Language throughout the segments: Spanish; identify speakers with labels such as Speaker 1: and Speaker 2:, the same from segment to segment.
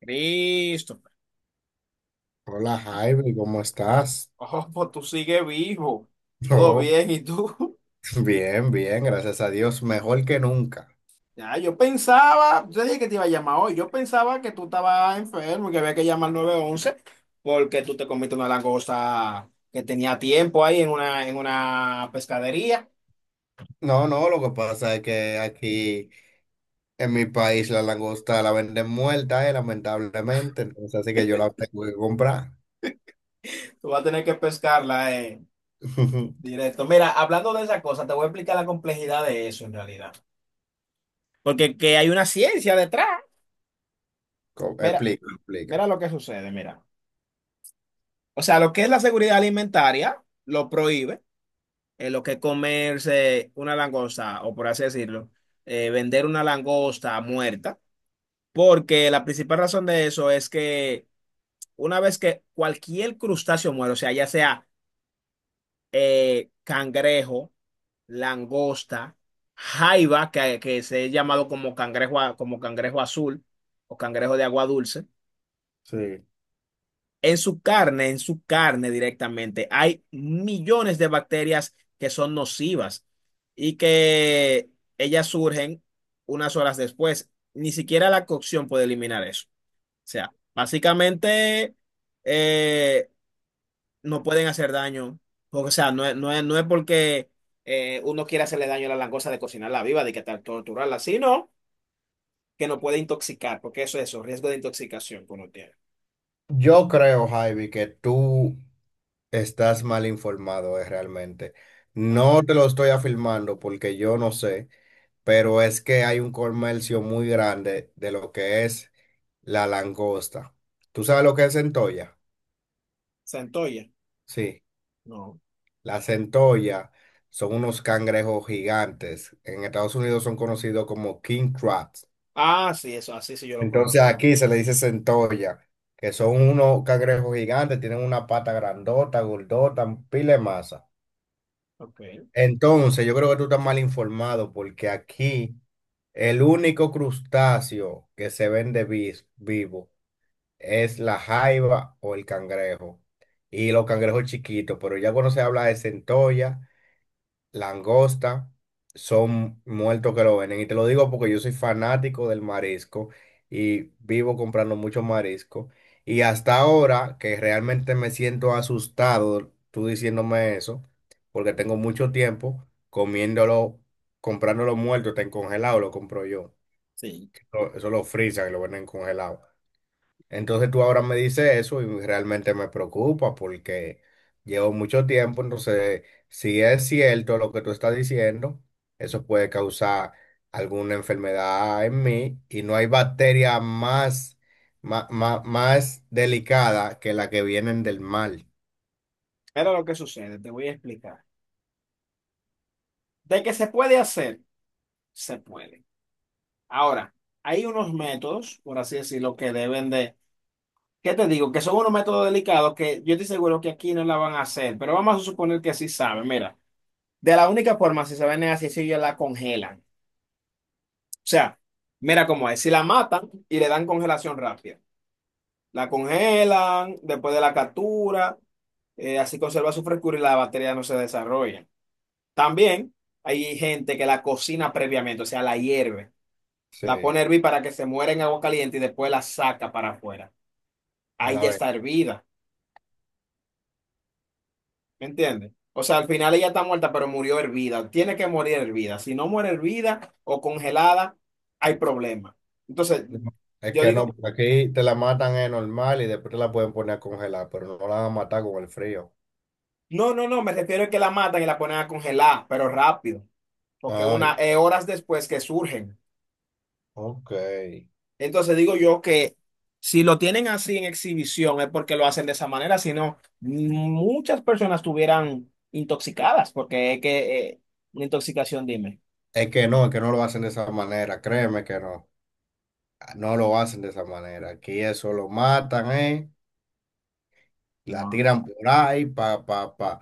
Speaker 1: Cristo.
Speaker 2: Hola Javi, ¿cómo estás?
Speaker 1: Oh, pues tú sigues vivo. Todo
Speaker 2: No,
Speaker 1: bien, ¿y tú?
Speaker 2: bien, bien, gracias a Dios, mejor que nunca.
Speaker 1: Ya, yo pensaba, yo dije que te iba a llamar hoy, yo pensaba que tú estabas enfermo y que había que llamar al 911 porque tú te comiste una langosta que tenía tiempo ahí en una pescadería.
Speaker 2: No, no, lo que pasa es que aquí en mi país la langosta la venden muerta, lamentablemente, entonces así que yo la tengo que comprar.
Speaker 1: Tú vas a tener que pescarla directo. Mira, hablando de esa cosa, te voy a explicar la complejidad de eso en realidad. Porque que hay una ciencia detrás. Mira,
Speaker 2: Explica, explica.
Speaker 1: mira lo que sucede, mira. O sea, lo que es la seguridad alimentaria lo prohíbe lo que es comerse una langosta, o por así decirlo, vender una langosta muerta, porque la principal razón de eso es que una vez que cualquier crustáceo muere, o sea, ya sea cangrejo, langosta, jaiba, que se ha llamado como cangrejo, como cangrejo azul o cangrejo de agua dulce.
Speaker 2: Sí.
Speaker 1: En su carne directamente, hay millones de bacterias que son nocivas y que ellas surgen unas horas después. Ni siquiera la cocción puede eliminar eso. O sea, básicamente eh, no pueden hacer daño. O sea, no es porque uno quiera hacerle daño a la langosta de cocinarla viva, de que tal torturarla, sino que no puede intoxicar, porque eso es eso, riesgo de intoxicación que uno tiene.
Speaker 2: Yo creo, Javi, que tú estás mal informado, realmente.
Speaker 1: Ajá.
Speaker 2: No te lo estoy afirmando porque yo no sé, pero es que hay un comercio muy grande de lo que es. La langosta. ¿Tú sabes lo que es centolla?
Speaker 1: Centolla,
Speaker 2: Sí,
Speaker 1: no.
Speaker 2: la centolla son unos cangrejos gigantes. En Estados Unidos son conocidos como king crabs.
Speaker 1: Ah, sí, eso, así sí yo lo
Speaker 2: Entonces
Speaker 1: conozco.
Speaker 2: aquí se le dice centolla, que son unos cangrejos gigantes, tienen una pata grandota, gordota, pile de masa.
Speaker 1: Ok.
Speaker 2: Entonces yo creo que tú estás mal informado porque aquí el único crustáceo que se vende vivo es la jaiba o el cangrejo. Y los cangrejos chiquitos, pero ya cuando se habla de centolla, langosta, son muertos que lo venden. Y te lo digo porque yo soy fanático del marisco y vivo comprando mucho marisco. Y hasta ahora que realmente me siento asustado, tú diciéndome eso, porque tengo mucho tiempo comiéndolo, comprándolo muerto, está en congelado, lo compro yo.
Speaker 1: Sí.
Speaker 2: Eso lo frisan y lo venden congelado. Entonces tú ahora me dices eso y realmente me preocupa porque llevo mucho tiempo, entonces si es cierto lo que tú estás diciendo, eso puede causar alguna enfermedad en mí y no hay bacteria más, más, delicada que la que vienen del mal.
Speaker 1: Pero lo que sucede, te voy a explicar. De que se puede hacer, se puede. Ahora, hay unos métodos, por así decirlo, que deben de, ¿qué te digo? Que son unos métodos delicados que yo estoy seguro que aquí no la van a hacer, pero vamos a suponer que sí saben. Mira, de la única forma, si saben, es así, si ellos la congelan. O sea, mira cómo es, si la matan y le dan congelación rápida. La congelan después de la captura, así conserva su frescura y la batería no se desarrolla. También hay gente que la cocina previamente, o sea, la hierve, la pone
Speaker 2: Sí,
Speaker 1: a hervir para que se muera en agua caliente y después la saca para afuera.
Speaker 2: a
Speaker 1: Ahí
Speaker 2: la
Speaker 1: ya
Speaker 2: vez.
Speaker 1: está hervida, ¿me entiendes? O sea, al final ella está muerta, pero murió hervida. Tiene que morir hervida. Si no muere hervida o congelada, hay problema. Entonces,
Speaker 2: Es
Speaker 1: yo
Speaker 2: que no,
Speaker 1: digo,
Speaker 2: porque aquí te la matan es normal y después te la pueden poner a congelar, pero no la van a matar con el frío.
Speaker 1: no, no, no, me refiero a que la matan y la ponen a congelar, pero rápido, porque
Speaker 2: Ay,
Speaker 1: una, horas después que surgen.
Speaker 2: ok.
Speaker 1: Entonces digo yo que si lo tienen así en exhibición es porque lo hacen de esa manera, si no, muchas personas estuvieran intoxicadas, porque es que una intoxicación, dime.
Speaker 2: Es que no lo hacen de esa manera, créeme que no, no lo hacen de esa manera. Aquí eso lo matan, ¿eh? La
Speaker 1: No,
Speaker 2: tiran por ahí, pa, pa, pa.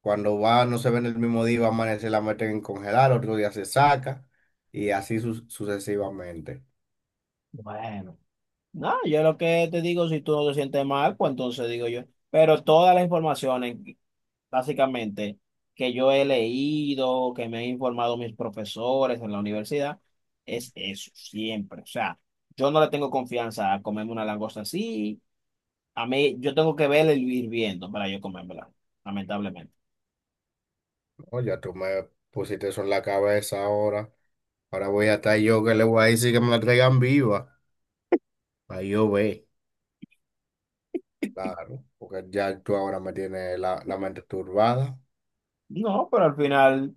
Speaker 2: Cuando va, no se ven el mismo día, va a amanecer, la meten en congelar, otro día se saca y así sucesivamente.
Speaker 1: bueno, no, yo lo que te digo, si tú no te sientes mal, pues entonces digo yo, pero todas las informaciones, básicamente, que yo he leído, que me han informado mis profesores en la universidad, es eso, siempre. O sea, yo no le tengo confianza a comerme una langosta así. A mí, yo tengo que verla y ir viendo para yo comérmela, lamentablemente.
Speaker 2: No, ya tú me pusiste eso en la cabeza ahora. Ahora voy a estar yo que le voy a decir que me la traigan viva. Ahí yo ve, claro, porque ya tú ahora me tienes la mente turbada.
Speaker 1: No, pero al final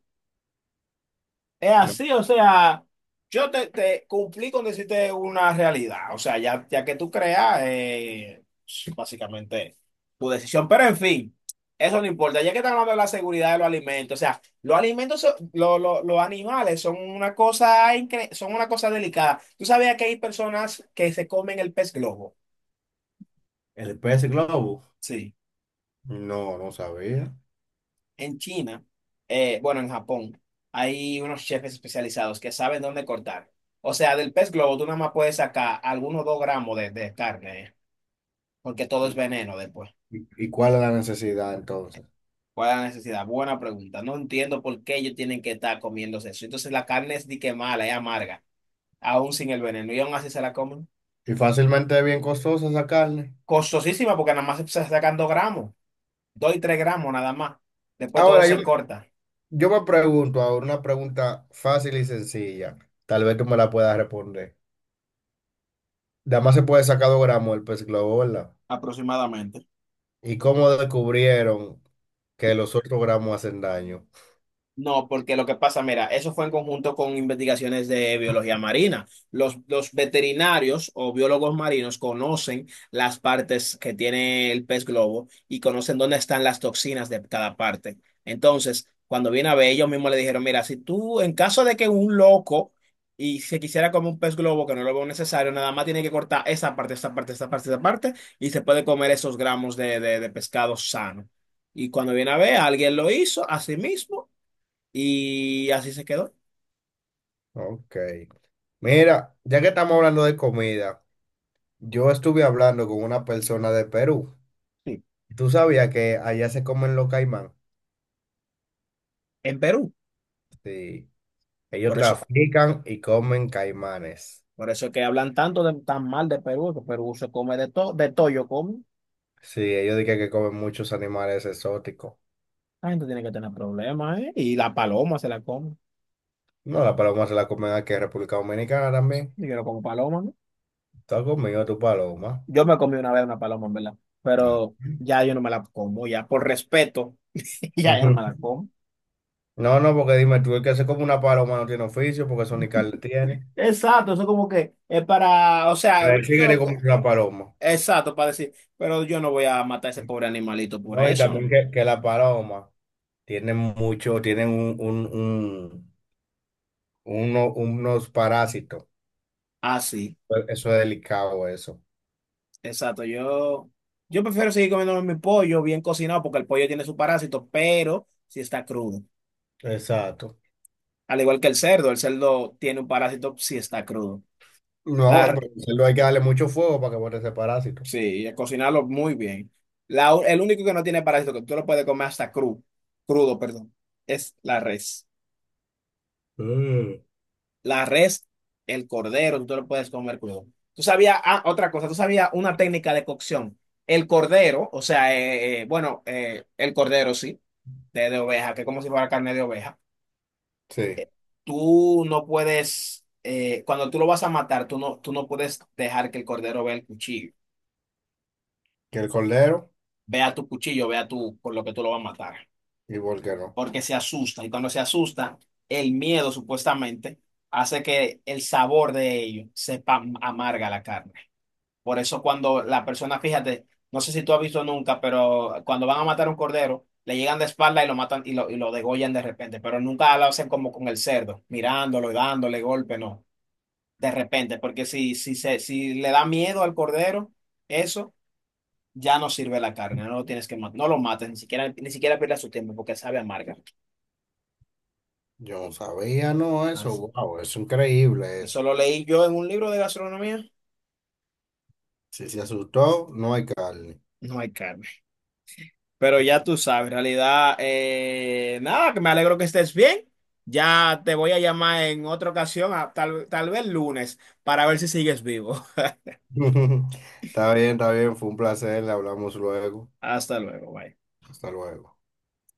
Speaker 1: es
Speaker 2: ¿No?
Speaker 1: así, o sea, yo te cumplí con decirte una realidad, o sea, ya que tú creas, básicamente tu decisión, pero en fin, eso no importa, ya que estamos hablando de la seguridad de los alimentos, o sea, los alimentos, los animales son una cosa, son una cosa delicada. ¿Tú sabías que hay personas que se comen el pez globo?
Speaker 2: El pez globo.
Speaker 1: Sí.
Speaker 2: No, no sabía.
Speaker 1: En China, bueno, en Japón, hay unos chefs especializados que saben dónde cortar. O sea, del pez globo tú nada más puedes sacar algunos 2 gramos de carne, porque todo es
Speaker 2: Sí.
Speaker 1: veneno después.
Speaker 2: Y cuál es la necesidad entonces?
Speaker 1: ¿Cuál es la necesidad? Buena pregunta. No entiendo por qué ellos tienen que estar comiéndose eso. Entonces la carne es di que mala, es amarga, aún sin el veneno, y aún así se la comen.
Speaker 2: Y fácilmente es bien costosa esa carne.
Speaker 1: Costosísima porque nada más se sacan 2 gramos, 2 y 3 gramos nada más. Después todo
Speaker 2: Ahora,
Speaker 1: se corta.
Speaker 2: yo me pregunto ahora una pregunta fácil y sencilla. Tal vez tú me la puedas responder. Además se puede sacar 2 gramos el pez globo, ¿verdad?
Speaker 1: Aproximadamente.
Speaker 2: ¿Y cómo descubrieron que los otros gramos hacen daño?
Speaker 1: No, porque lo que pasa, mira, eso fue en conjunto con investigaciones de biología marina. Los veterinarios o biólogos marinos conocen las partes que tiene el pez globo y conocen dónde están las toxinas de cada parte. Entonces, cuando viene a ver, ellos mismos le dijeron, mira, si tú, en caso de que un loco y se quisiera comer un pez globo que no lo veo necesario, nada más tiene que cortar esa parte, esa parte, esa parte, esa parte y se puede comer esos gramos de pescado sano. Y cuando viene a ver, alguien lo hizo a sí mismo y así se quedó,
Speaker 2: Ok. Mira, ya que estamos hablando de comida, yo estuve hablando con una persona de Perú.
Speaker 1: sí,
Speaker 2: ¿Tú sabías que allá se comen los caimán?
Speaker 1: en Perú.
Speaker 2: Sí. Ellos
Speaker 1: Por eso,
Speaker 2: trafican y comen caimanes.
Speaker 1: por eso es que hablan tanto tan mal de Perú, que Perú se come de todo yo como.
Speaker 2: Sí, ellos dicen que comen muchos animales exóticos.
Speaker 1: La gente tiene que tener problemas, ¿eh? Y la paloma se la come.
Speaker 2: No, la paloma se la comen aquí en República Dominicana también.
Speaker 1: Y yo no como paloma, ¿no?
Speaker 2: Está conmigo tu paloma.
Speaker 1: Yo me comí una vez una paloma, en verdad.
Speaker 2: Ah.
Speaker 1: Pero ya yo no me la como, ya por respeto, ya yo no me
Speaker 2: Ujú.
Speaker 1: la como.
Speaker 2: No, no, porque dime tú, el que se come una paloma no tiene oficio porque eso ni carne tiene.
Speaker 1: Exacto, eso como que es para, o sea, tú
Speaker 2: Pero sí
Speaker 1: te
Speaker 2: que
Speaker 1: lo
Speaker 2: le comen
Speaker 1: co-
Speaker 2: una paloma.
Speaker 1: exacto, para decir, pero yo no voy a matar a ese pobre animalito por
Speaker 2: No, y
Speaker 1: eso.
Speaker 2: también
Speaker 1: ¿No?
Speaker 2: que, la paloma tienen mucho, tienen unos parásitos.
Speaker 1: Así.
Speaker 2: Eso es delicado, eso.
Speaker 1: Exacto, yo prefiero seguir comiendo mi pollo bien cocinado porque el pollo tiene su parásito, pero si está crudo.
Speaker 2: Exacto.
Speaker 1: Al igual que el cerdo tiene un parásito si está crudo.
Speaker 2: No,
Speaker 1: La,
Speaker 2: pero solo hay que darle mucho fuego para que bote ese parásito.
Speaker 1: sí, cocinarlo muy bien. El único que no tiene parásito, que tú lo puedes comer hasta crudo, crudo, perdón, es la res.
Speaker 2: Mm.
Speaker 1: La res, el cordero, tú lo puedes comer crudo. Tú sabías, ah, otra cosa, tú sabías una técnica de cocción. El cordero, o sea, bueno, el cordero, sí. De oveja, que es como si fuera carne de oveja,
Speaker 2: Sí,
Speaker 1: tú no puedes, cuando tú lo vas a matar, tú no puedes dejar que el cordero vea el
Speaker 2: que el cordero.
Speaker 1: cuchillo, vea tu, por lo que tú lo vas a matar,
Speaker 2: ¿Y por qué no?
Speaker 1: porque se asusta. Y cuando se asusta, el miedo supuestamente hace que el sabor de ello sepa amarga la carne. Por eso cuando la persona, fíjate, no sé si tú has visto nunca, pero cuando van a matar a un cordero, le llegan de espalda y lo matan y lo degollan de repente, pero nunca lo hacen como con el cerdo, mirándolo y dándole golpe, no, de repente, porque si le da miedo al cordero, eso ya no sirve la carne, no lo tienes que matar, no lo mates, ni siquiera pierdas su tiempo porque sabe amarga.
Speaker 2: Yo no sabía, no, eso,
Speaker 1: Así.
Speaker 2: wow, es increíble eso.
Speaker 1: Eso lo leí yo en un libro de gastronomía.
Speaker 2: Si se asustó, no hay carne.
Speaker 1: No hay carne. Pero ya tú sabes, en realidad, nada, que me alegro que estés bien. Ya te voy a llamar en otra ocasión, tal vez lunes, para ver si sigues vivo.
Speaker 2: Está bien, fue un placer, le hablamos luego.
Speaker 1: Hasta luego, bye.
Speaker 2: Hasta luego.